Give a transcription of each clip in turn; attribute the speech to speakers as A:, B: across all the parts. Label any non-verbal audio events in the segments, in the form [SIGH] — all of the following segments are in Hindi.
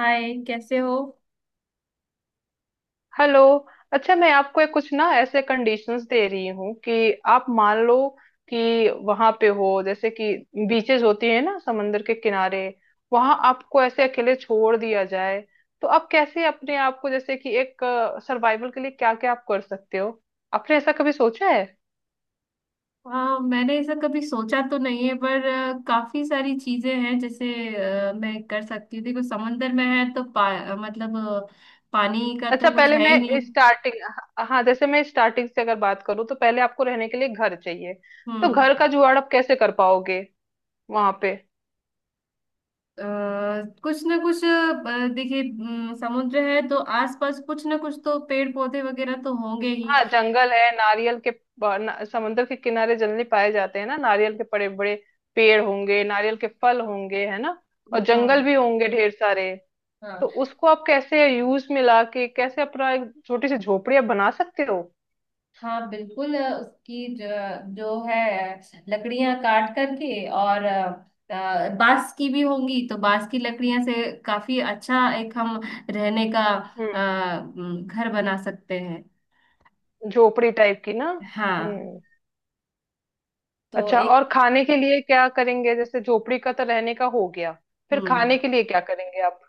A: हाय, कैसे हो?
B: हेलो। अच्छा, मैं आपको एक कुछ ना ऐसे कंडीशंस दे रही हूँ कि आप मान लो कि वहां पे हो, जैसे कि बीचेस होती है ना समंदर के किनारे, वहां आपको ऐसे अकेले छोड़ दिया जाए, तो आप कैसे अपने आप को जैसे कि एक सर्वाइवल के लिए क्या क्या आप कर सकते हो? आपने ऐसा कभी सोचा है?
A: हाँ, मैंने ऐसा कभी सोचा तो नहीं है, पर काफी सारी चीजें हैं। जैसे मैं कर सकती हूँ। देखो, समंदर में है तो पा, अ, मतलब अ, पानी का
B: अच्छा,
A: तो कुछ
B: पहले
A: है ही नहीं।
B: मैं स्टार्टिंग हाँ हाँ, जैसे मैं स्टार्टिंग से अगर बात करूँ तो पहले आपको रहने के लिए घर चाहिए। तो घर
A: हम्म।
B: का जुगाड़ आप कैसे कर पाओगे वहां पे?
A: अ, कुछ ना कुछ देखिए, समुद्र है तो आसपास कुछ ना कुछ तो पेड़ पौधे वगैरह तो होंगे ही।
B: हाँ, जंगल है। नारियल के ना, समुद्र के किनारे जनरली पाए जाते हैं ना नारियल के बड़े बड़े पेड़ होंगे, नारियल के फल होंगे, है ना? और जंगल
A: हाँ।
B: भी होंगे ढेर सारे।
A: हाँ।
B: तो उसको आप कैसे यूज में ला के, कैसे अपना एक छोटी सी झोपड़ी आप बना सकते हो?
A: हाँ, बिल्कुल। उसकी जो है, लकड़ियां काट करके, और बांस की भी होंगी तो बांस की लकड़ियां से काफी अच्छा एक हम रहने का
B: हम्म।
A: अ, घर बना सकते हैं।
B: झोपड़ी टाइप की ना।
A: हाँ।
B: हम्म।
A: तो
B: अच्छा,
A: एक...
B: और खाने के लिए क्या करेंगे? जैसे झोपड़ी का तो रहने का हो गया, फिर
A: हम्म।
B: खाने के लिए क्या करेंगे आप?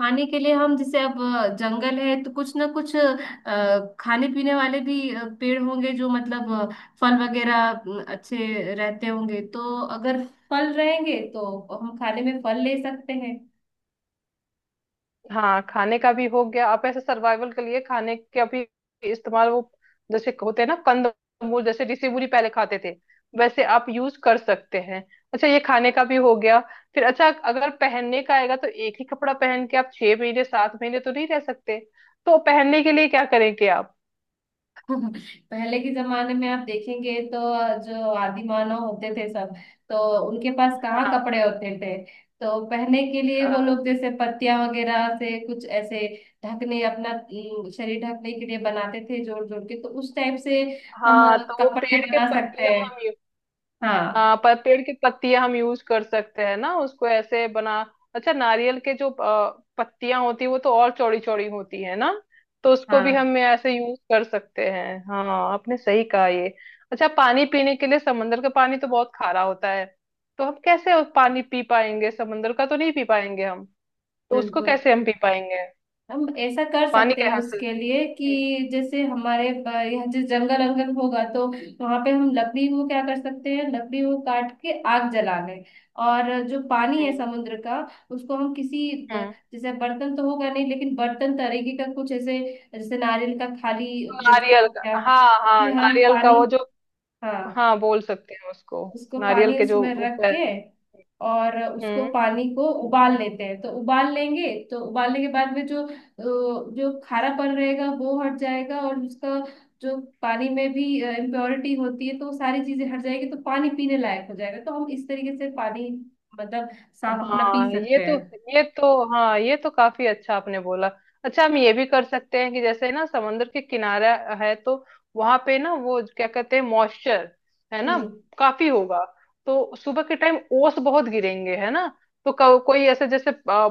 A: खाने के लिए हम जैसे अब जंगल है तो कुछ ना कुछ खाने पीने वाले भी पेड़ होंगे जो मतलब फल वगैरह अच्छे रहते होंगे। तो अगर फल रहेंगे तो हम खाने में फल ले सकते हैं।
B: हाँ, खाने का भी हो गया। आप ऐसे सर्वाइवल के लिए खाने के अभी इस्तेमाल, वो जैसे होते हैं ना कंद मूल, जैसे ऋषि मुनि पहले खाते थे, वैसे आप यूज कर सकते हैं। अच्छा, ये खाने का भी हो गया। फिर अच्छा, अगर पहनने का आएगा तो एक ही कपड़ा पहन के आप 6 महीने 7 महीने तो नहीं रह सकते। तो पहनने के लिए क्या करेंगे आप?
A: [LAUGHS] पहले के जमाने में आप देखेंगे तो जो आदि मानव होते थे सब, तो उनके पास कहाँ कपड़े
B: हाँ,
A: होते थे। तो पहनने के लिए वो
B: हाँ,
A: लोग जैसे पत्तियां वगैरह से कुछ ऐसे ढकने, अपना शरीर ढकने के लिए बनाते थे, जोड़ जोड़ के। तो उस टाइप से हम
B: हाँ, तो वो
A: कपड़े
B: पेड़ के
A: बना सकते
B: पत्तियां
A: हैं।
B: हम।
A: हाँ।
B: हाँ, पर पेड़ की पत्तियां हम यूज कर सकते हैं ना, उसको ऐसे बना। अच्छा, नारियल के जो पत्तियां होती है वो तो और चौड़ी चौड़ी होती है ना, तो उसको भी
A: हाँ,
B: हम ऐसे यूज कर सकते हैं। हाँ। आपने सही कहा ये। अच्छा, पानी पीने के लिए समंदर का पानी तो बहुत खारा होता है, तो हम कैसे उस पानी पी पाएंगे? समंदर का तो नहीं पी पाएंगे हम, तो उसको
A: बिल्कुल।
B: कैसे हम पी पाएंगे?
A: हम ऐसा कर
B: पानी
A: सकते
B: के
A: हैं
B: यहाँ से।
A: उसके लिए
B: हम्म।
A: कि, जैसे हमारे यहाँ जैसे जंगल अंगल होगा तो वहां पे हम लकड़ी को क्या कर सकते हैं, लकड़ी को काट के आग जला लें। और जो पानी है
B: हम्म।
A: समुद्र का, उसको हम किसी
B: हम्म।
A: जैसे बर्तन तो होगा नहीं, लेकिन बर्तन तरीके का कुछ ऐसे, जैसे नारियल का खाली वो जो
B: नारियल
A: हो
B: का,
A: गया,
B: हाँ हाँ,
A: उसमें हम
B: नारियल का
A: पानी...
B: वो जो।
A: हाँ।
B: हाँ, बोल सकते हैं उसको।
A: उसको
B: नारियल
A: पानी
B: के जो।
A: उसमें रख के, और उसको
B: हम्म।
A: पानी को उबाल लेते हैं। तो उबाल लेंगे, तो उबालने के बाद में जो जो खारापन रहेगा वो हट जाएगा, और उसका जो पानी में भी इम्प्योरिटी होती है, तो वो सारी चीजें हट जाएगी, तो पानी पीने लायक हो जाएगा। तो हम इस तरीके से पानी, मतलब साफ अपना पी
B: हाँ, ये
A: सकते
B: तो
A: हैं।
B: ये तो हाँ, ये तो काफी अच्छा आपने बोला। अच्छा, हम ये भी कर सकते हैं कि जैसे ना समुद्र के किनारा है, तो वहां पे ना वो क्या कहते हैं, मॉइस्चर, है ना?
A: हम्म।
B: काफी होगा। तो सुबह के टाइम ओस बहुत गिरेंगे, है ना? तो कोई ऐसे जैसे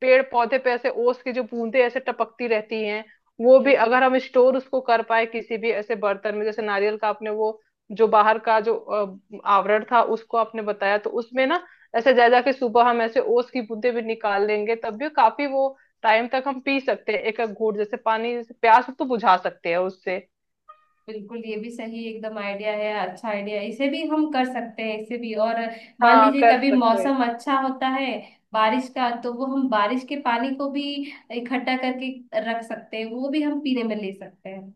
B: पेड़ पौधे पे ऐसे ओस की जो बूंदे ऐसे टपकती रहती हैं, वो भी
A: हम्म।
B: अगर हम स्टोर उसको कर पाए किसी भी ऐसे बर्तन में, जैसे नारियल का आपने वो जो बाहर का जो आवरण था, उसको आपने बताया, तो उसमें ना ऐसे जा जाके सुबह हम ऐसे ओस की बूंदें भी निकाल लेंगे, तब भी काफी वो टाइम तक हम पी सकते हैं, एक एक घूंट जैसे पानी, जैसे प्यास तो बुझा सकते हैं उससे।
A: बिल्कुल, ये भी सही एकदम आइडिया है, अच्छा आइडिया। इसे भी हम कर सकते हैं, इसे भी। और मान
B: हाँ,
A: लीजिए
B: कर
A: कभी
B: सकते हैं।
A: मौसम अच्छा होता है बारिश का, तो वो हम बारिश के पानी को भी इकट्ठा करके रख सकते हैं, वो भी हम पीने में ले सकते हैं।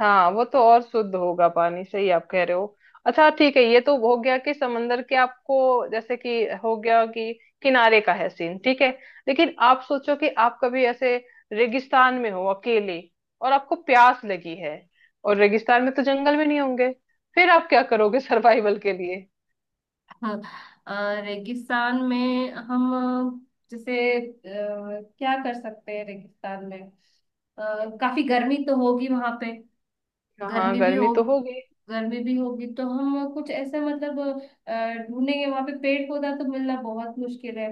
B: हाँ, वो तो और शुद्ध होगा पानी, सही आप कह रहे हो। अच्छा, ठीक है, ये तो हो गया कि समंदर के आपको, जैसे कि, हो गया कि किनारे का है सीन, ठीक है। लेकिन आप सोचो कि आप कभी ऐसे रेगिस्तान में हो अकेले, और आपको प्यास लगी है, और रेगिस्तान में तो जंगल में नहीं होंगे, फिर आप क्या करोगे [LAUGHS] सर्वाइवल के लिए?
A: हाँ। रेगिस्तान में हम जैसे क्या कर सकते हैं रेगिस्तान में? अ, काफी गर्मी तो होगी वहां पे।
B: हाँ,
A: गर्मी भी
B: गर्मी
A: हो...
B: तो होगी।
A: गर्मी भी होगी तो हम कुछ ऐसा, मतलब ढूंढेंगे। वहां पे पेड़ पौधा तो मिलना बहुत मुश्किल है।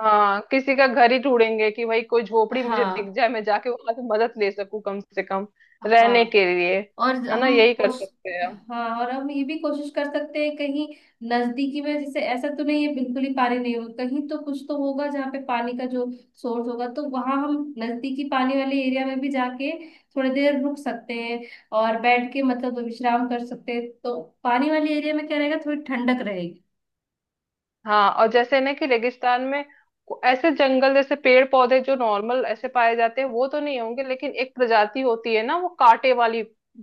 B: हाँ, किसी का घर ही ढूंढेंगे कि भाई कोई झोपड़ी मुझे दिख
A: हाँ।
B: जाए, मैं जाके वहां से मदद ले सकूं कम से कम,
A: हाँ।
B: रहने के लिए,
A: और
B: है ना?
A: हम
B: यही कर
A: कोश
B: सकते हैं।
A: हाँ, और हम ये भी कोशिश कर सकते हैं, कहीं नजदीकी में, जैसे ऐसा तो नहीं है बिल्कुल ही पानी नहीं होगा, कहीं तो कुछ तो होगा जहाँ पे पानी का जो सोर्स होगा। तो वहां हम नजदीकी पानी वाले एरिया में भी जाके थोड़ी देर रुक सकते हैं, और बैठ के मतलब विश्राम कर सकते हैं। तो पानी वाले एरिया में क्या रहेगा, थोड़ी ठंडक रहेगी।
B: हाँ, और जैसे ना कि रेगिस्तान में ऐसे जंगल जैसे पेड़ पौधे जो नॉर्मल ऐसे पाए जाते हैं वो तो नहीं होंगे, लेकिन एक प्रजाति होती है ना वो कांटे वाली।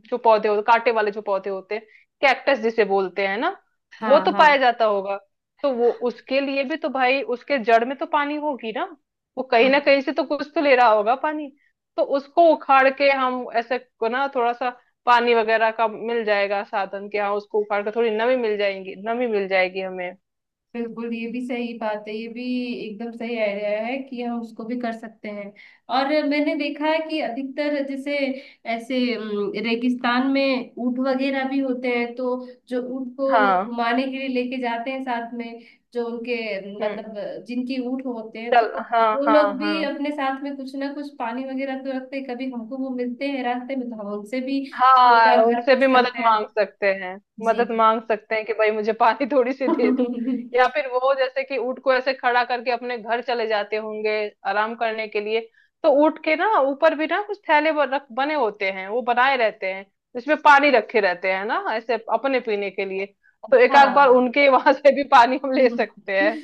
B: जो पौधे होते कांटे वाले जो पौधे होते हैं, कैक्टस जिसे बोलते हैं ना,
A: हाँ।
B: वो तो पाया
A: हाँ।
B: जाता होगा। तो वो उसके लिए भी तो भाई उसके जड़ में तो पानी होगी ना, वो कहीं ना
A: हाँ,
B: कहीं से तो कुछ तो ले रहा होगा पानी। तो उसको उखाड़ के हम ऐसे को ना, थोड़ा सा पानी वगैरह का मिल जाएगा साधन कि हाँ, उसको उखाड़ के थोड़ी नमी मिल जाएगी, नमी मिल जाएगी हमें।
A: बिल्कुल, ये भी सही बात है, ये भी एकदम सही आइडिया है कि हम उसको भी कर सकते हैं। और मैंने देखा है कि अधिकतर जैसे ऐसे रेगिस्तान में ऊँट वगैरह भी होते हैं। तो जो ऊँट को
B: हाँ।
A: घुमाने के लिए लेके जाते हैं साथ में, जो उनके,
B: हम्म।
A: मतलब जिनकी ऊँट होते हैं,
B: चल,
A: तो
B: हाँ
A: वो
B: हाँ
A: लोग भी
B: हाँ।
A: अपने साथ में कुछ ना कुछ पानी वगैरह तो रखते हैं। कभी हमको वो मिलते हैं रास्ते में तो हम उनसे भी
B: हाँ,
A: घर घर
B: उनसे
A: पूछ
B: भी
A: सकते
B: मदद मांग
A: हैं।
B: सकते हैं,
A: जी।
B: मदद मांग सकते हैं कि भाई मुझे पानी [LAUGHS] थोड़ी सी
A: [LAUGHS]
B: दे दो। या फिर वो जैसे कि ऊँट को ऐसे खड़ा करके अपने घर चले जाते होंगे आराम करने के लिए। तो ऊँट के ना ऊपर भी ना कुछ थैले रख बने होते हैं, वो बनाए रहते हैं जिसमें पानी रखे रहते हैं ना, ऐसे अपने पीने के लिए। तो एक आध बार
A: हाँ।
B: उनके [LAUGHS] वहां से भी पानी हम ले
A: [LAUGHS]
B: सकते हैं,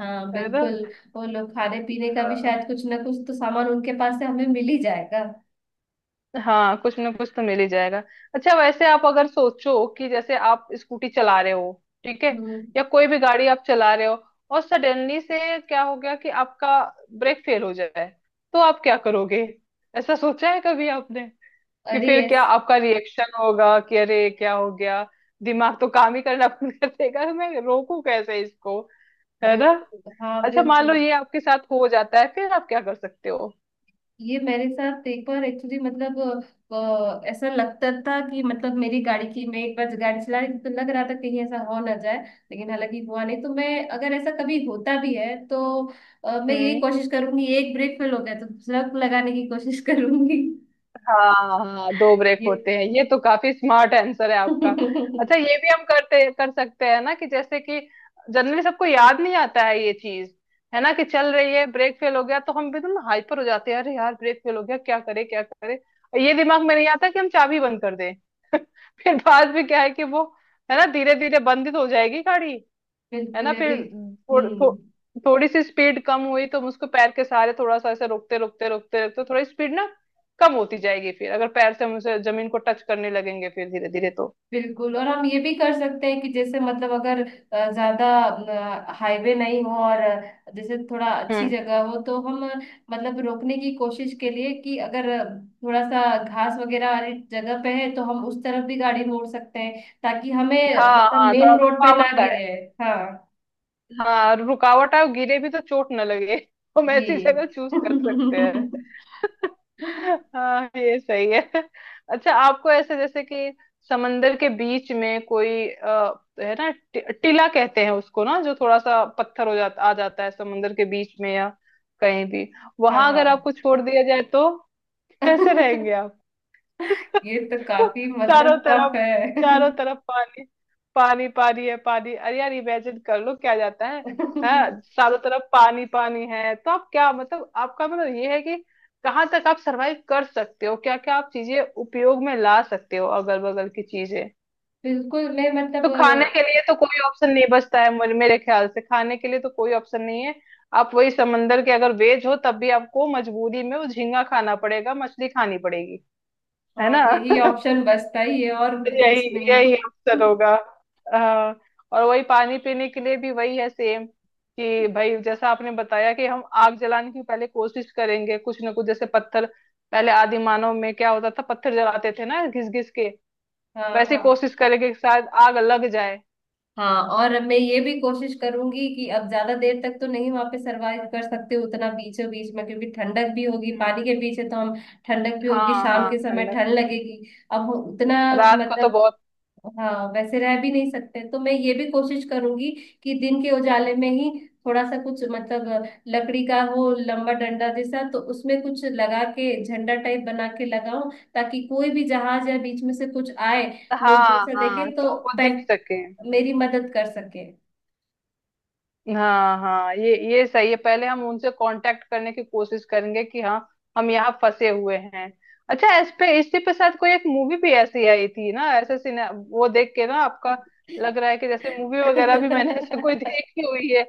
A: हाँ,
B: है
A: बिल्कुल। वो लोग खाने पीने का भी
B: ना?
A: शायद कुछ ना कुछ तो सामान उनके पास से हमें मिल ही जाएगा।
B: हाँ, कुछ ना कुछ तो मिल ही जाएगा। अच्छा, वैसे आप अगर सोचो कि जैसे आप स्कूटी चला रहे हो, ठीक है?
A: हम्म।
B: या कोई भी गाड़ी आप चला रहे हो, और सडनली से क्या हो गया कि आपका ब्रेक फेल हो जाए, तो आप क्या करोगे? ऐसा सोचा है कभी आपने? कि
A: अरे,
B: फिर क्या
A: यस।
B: आपका रिएक्शन होगा कि अरे क्या हो गया, दिमाग तो काम ही करना बंद कर देगा, मैं रोकू कैसे इसको, है ना?
A: बिल्कुल, हाँ,
B: अच्छा, मान लो
A: बिल्कुल।
B: ये आपके साथ हो जाता है, फिर आप क्या कर सकते हो?
A: ये मेरे साथ एक बार एक्चुअली, मतलब ऐसा लगता था कि, मतलब मेरी गाड़ी की, मैं एक बार गाड़ी चला रही थी तो लग रहा था कहीं ऐसा हो ना जाए। लेकिन हालांकि हुआ नहीं। तो मैं, अगर ऐसा कभी होता भी है तो मैं यही
B: हम्म।
A: कोशिश करूंगी, एक ब्रेक फेल हो गया तो दूसरा लगाने की कोशिश करूंगी।
B: हाँ हाँ, दो ब्रेक होते हैं, ये तो काफी स्मार्ट आंसर है आपका।
A: ये [LAUGHS]
B: अच्छा, ये भी हम करते कर सकते हैं ना कि जैसे कि, जनरली सबको याद नहीं आता है ये चीज, है ना, कि चल रही है ब्रेक फेल हो गया तो हम एकदम हाइपर हो जाते हैं, अरे यार ब्रेक फेल हो गया क्या करे क्या करे, और ये दिमाग में नहीं आता कि हम चाबी बंद कर दें। [LAUGHS] फिर बाद में क्या है कि वो, है ना, धीरे धीरे बंद ही तो हो जाएगी गाड़ी। है
A: बिल्कुल,
B: ना?
A: ये भी।
B: फिर
A: हम्म।
B: थोड़ी सी स्पीड कम हुई तो हम उसको पैर के सहारे थोड़ा सा ऐसे रोकते रोकते रोकते रोकते, थोड़ी स्पीड ना कम होती जाएगी, फिर अगर पैर से हम उसे जमीन को टच करने लगेंगे फिर धीरे धीरे तो।
A: बिल्कुल, और हम ये भी कर सकते हैं कि जैसे, मतलब अगर ज्यादा हाईवे नहीं हो, और जैसे थोड़ा अच्छी
B: हम्म।
A: जगह हो तो हम मतलब रोकने की कोशिश के लिए, कि अगर थोड़ा सा घास वगैरह वाली जगह पे है तो हम उस तरफ भी गाड़ी मोड़ सकते हैं, ताकि हमें,
B: हाँ
A: मतलब
B: हाँ, थोड़ा
A: मेन रोड पे ना
B: रुकावट है।
A: गिरे। हाँ।
B: हाँ, रुकावट आए और गिरे भी तो चोट न लगे, [LAUGHS] हम
A: जी।
B: ऐसी जगह चूज कर
A: [LAUGHS]
B: सकते हैं। [LAUGHS] हाँ, ये सही है। [LAUGHS] अच्छा, आपको ऐसे जैसे कि समंदर के बीच में कोई है ना, टीला कहते हैं उसको ना, जो थोड़ा सा पत्थर हो जाता आ जाता है समंदर के बीच में या कहीं भी,
A: हाँ।
B: वहां अगर
A: हाँ।
B: आपको छोड़ दिया जाए तो? कैसे रहेंगे
A: [LAUGHS]
B: आप?
A: ये तो
B: [LAUGHS]
A: काफी
B: चारों
A: मतलब टफ
B: तरफ,
A: है।
B: चारों तरफ पानी, पानी पानी है पानी, अरे यार, इमेजिन कर लो क्या जाता है। हाँ,
A: [LAUGHS]
B: चारों तरफ पानी पानी है। तो आप क्या मतलब, आपका मतलब ये है कि कहाँ तक आप सरवाइव कर सकते हो, क्या क्या आप चीजें उपयोग में ला सकते हो अगल बगल की चीजें।
A: बिल्कुल, मैं मतलब
B: तो खाने के लिए तो कोई ऑप्शन नहीं बचता है, मेरे ख्याल से खाने के लिए तो कोई ऑप्शन नहीं है। आप वही समंदर के अगर वेज हो तब भी आपको मजबूरी में वो झींगा खाना पड़ेगा, मछली खानी पड़ेगी। है
A: हाँ,
B: ना?
A: यही
B: [LAUGHS]
A: ऑप्शन बचता ही है, और तो कुछ
B: यही
A: नहीं है।
B: यही अवसर होगा। हाँ, और वही पानी पीने के लिए भी वही है सेम, कि भाई जैसा आपने बताया कि हम आग जलाने की पहले कोशिश करेंगे, कुछ ना कुछ जैसे पत्थर, पहले आदि मानव में क्या होता था पत्थर जलाते थे ना घिस घिस के,
A: हाँ।
B: वैसे
A: हाँ।
B: कोशिश करेंगे कि शायद आग लग जाए।
A: हाँ, और मैं ये भी कोशिश करूंगी कि अब ज्यादा देर तक तो नहीं वहां पे सरवाइव कर सकते, उतना बीचों बीच में, क्योंकि ठंडक भी होगी,
B: हम्म,
A: पानी के पीछे तो हम... ठंडक भी होगी,
B: हाँ
A: शाम
B: हाँ,
A: के समय
B: ठंडक।
A: ठंड लगेगी। अब उतना
B: रात को तो
A: मतलब,
B: बहुत।
A: हाँ वैसे रह भी नहीं सकते। तो मैं ये भी कोशिश करूंगी कि दिन के उजाले में ही थोड़ा सा कुछ, मतलब लकड़ी का वो लंबा डंडा जैसा, तो उसमें कुछ लगा के झंडा टाइप बना के लगाऊं, ताकि कोई भी जहाज या बीच में से कुछ आए, लोग दूर
B: हाँ
A: से देखे
B: हाँ,
A: तो
B: तो वो देख सके।
A: मेरी मदद कर सके।
B: हाँ हाँ, ये सही है, पहले हम उनसे कांटेक्ट करने की कोशिश करेंगे कि हाँ, हम यहाँ फंसे हुए हैं। अच्छा, इस पे इसी पे शायद कोई एक मूवी भी ऐसी आई थी ना ऐसे, सिने वो देख के ना आपका लग रहा है कि जैसे मूवी वगैरह भी मैंने
A: [LAUGHS]
B: [LAUGHS] ऐसे कोई देखी हुई है।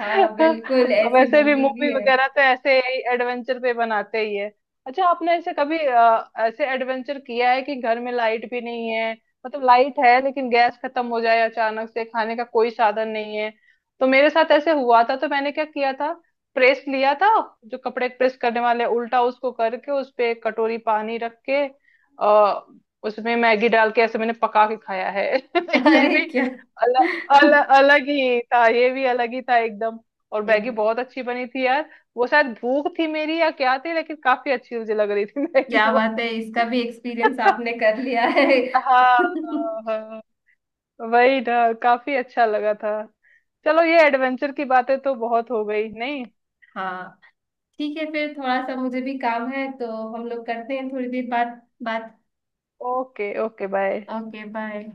A: हाँ, बिल्कुल,
B: [LAUGHS]
A: ऐसी
B: वैसे भी
A: मूवी भी
B: मूवी
A: है।
B: वगैरह तो ऐसे ही एडवेंचर पे बनाते ही है। अच्छा, आपने ऐसे कभी ऐसे एडवेंचर किया है कि घर में लाइट भी नहीं है, मतलब लाइट है लेकिन गैस खत्म हो जाए अचानक से, खाने का कोई साधन नहीं है? तो मेरे साथ ऐसे हुआ था तो मैंने क्या किया था, प्रेस लिया था, जो कपड़े प्रेस करने वाले, उल्टा उसको करके उस पे एक कटोरी पानी रख के आ, उसमें मैगी डाल के ऐसे मैंने पका के खाया है। [LAUGHS] ये
A: अरे,
B: भी
A: क्या!
B: अलग, अलग
A: [LAUGHS]
B: अलग ही था, ये भी अलग ही था एकदम। और
A: एक...
B: मैगी बहुत अच्छी बनी थी यार, वो शायद भूख थी मेरी या क्या थी, लेकिन काफी अच्छी मुझे लग रही थी मैगी
A: क्या
B: वो।
A: बात है, इसका भी एक्सपीरियंस आपने
B: [LAUGHS]
A: कर लिया है!
B: हाँ।
A: [LAUGHS]
B: हाँ। वही ना, काफी अच्छा लगा था। चलो, ये एडवेंचर की बातें तो बहुत हो गई, नहीं?
A: हाँ। ठीक है, फिर थोड़ा सा मुझे भी काम है, तो हम लोग करते हैं थोड़ी देर बाद बात।
B: Okay, okay, bye.
A: Okay, bye.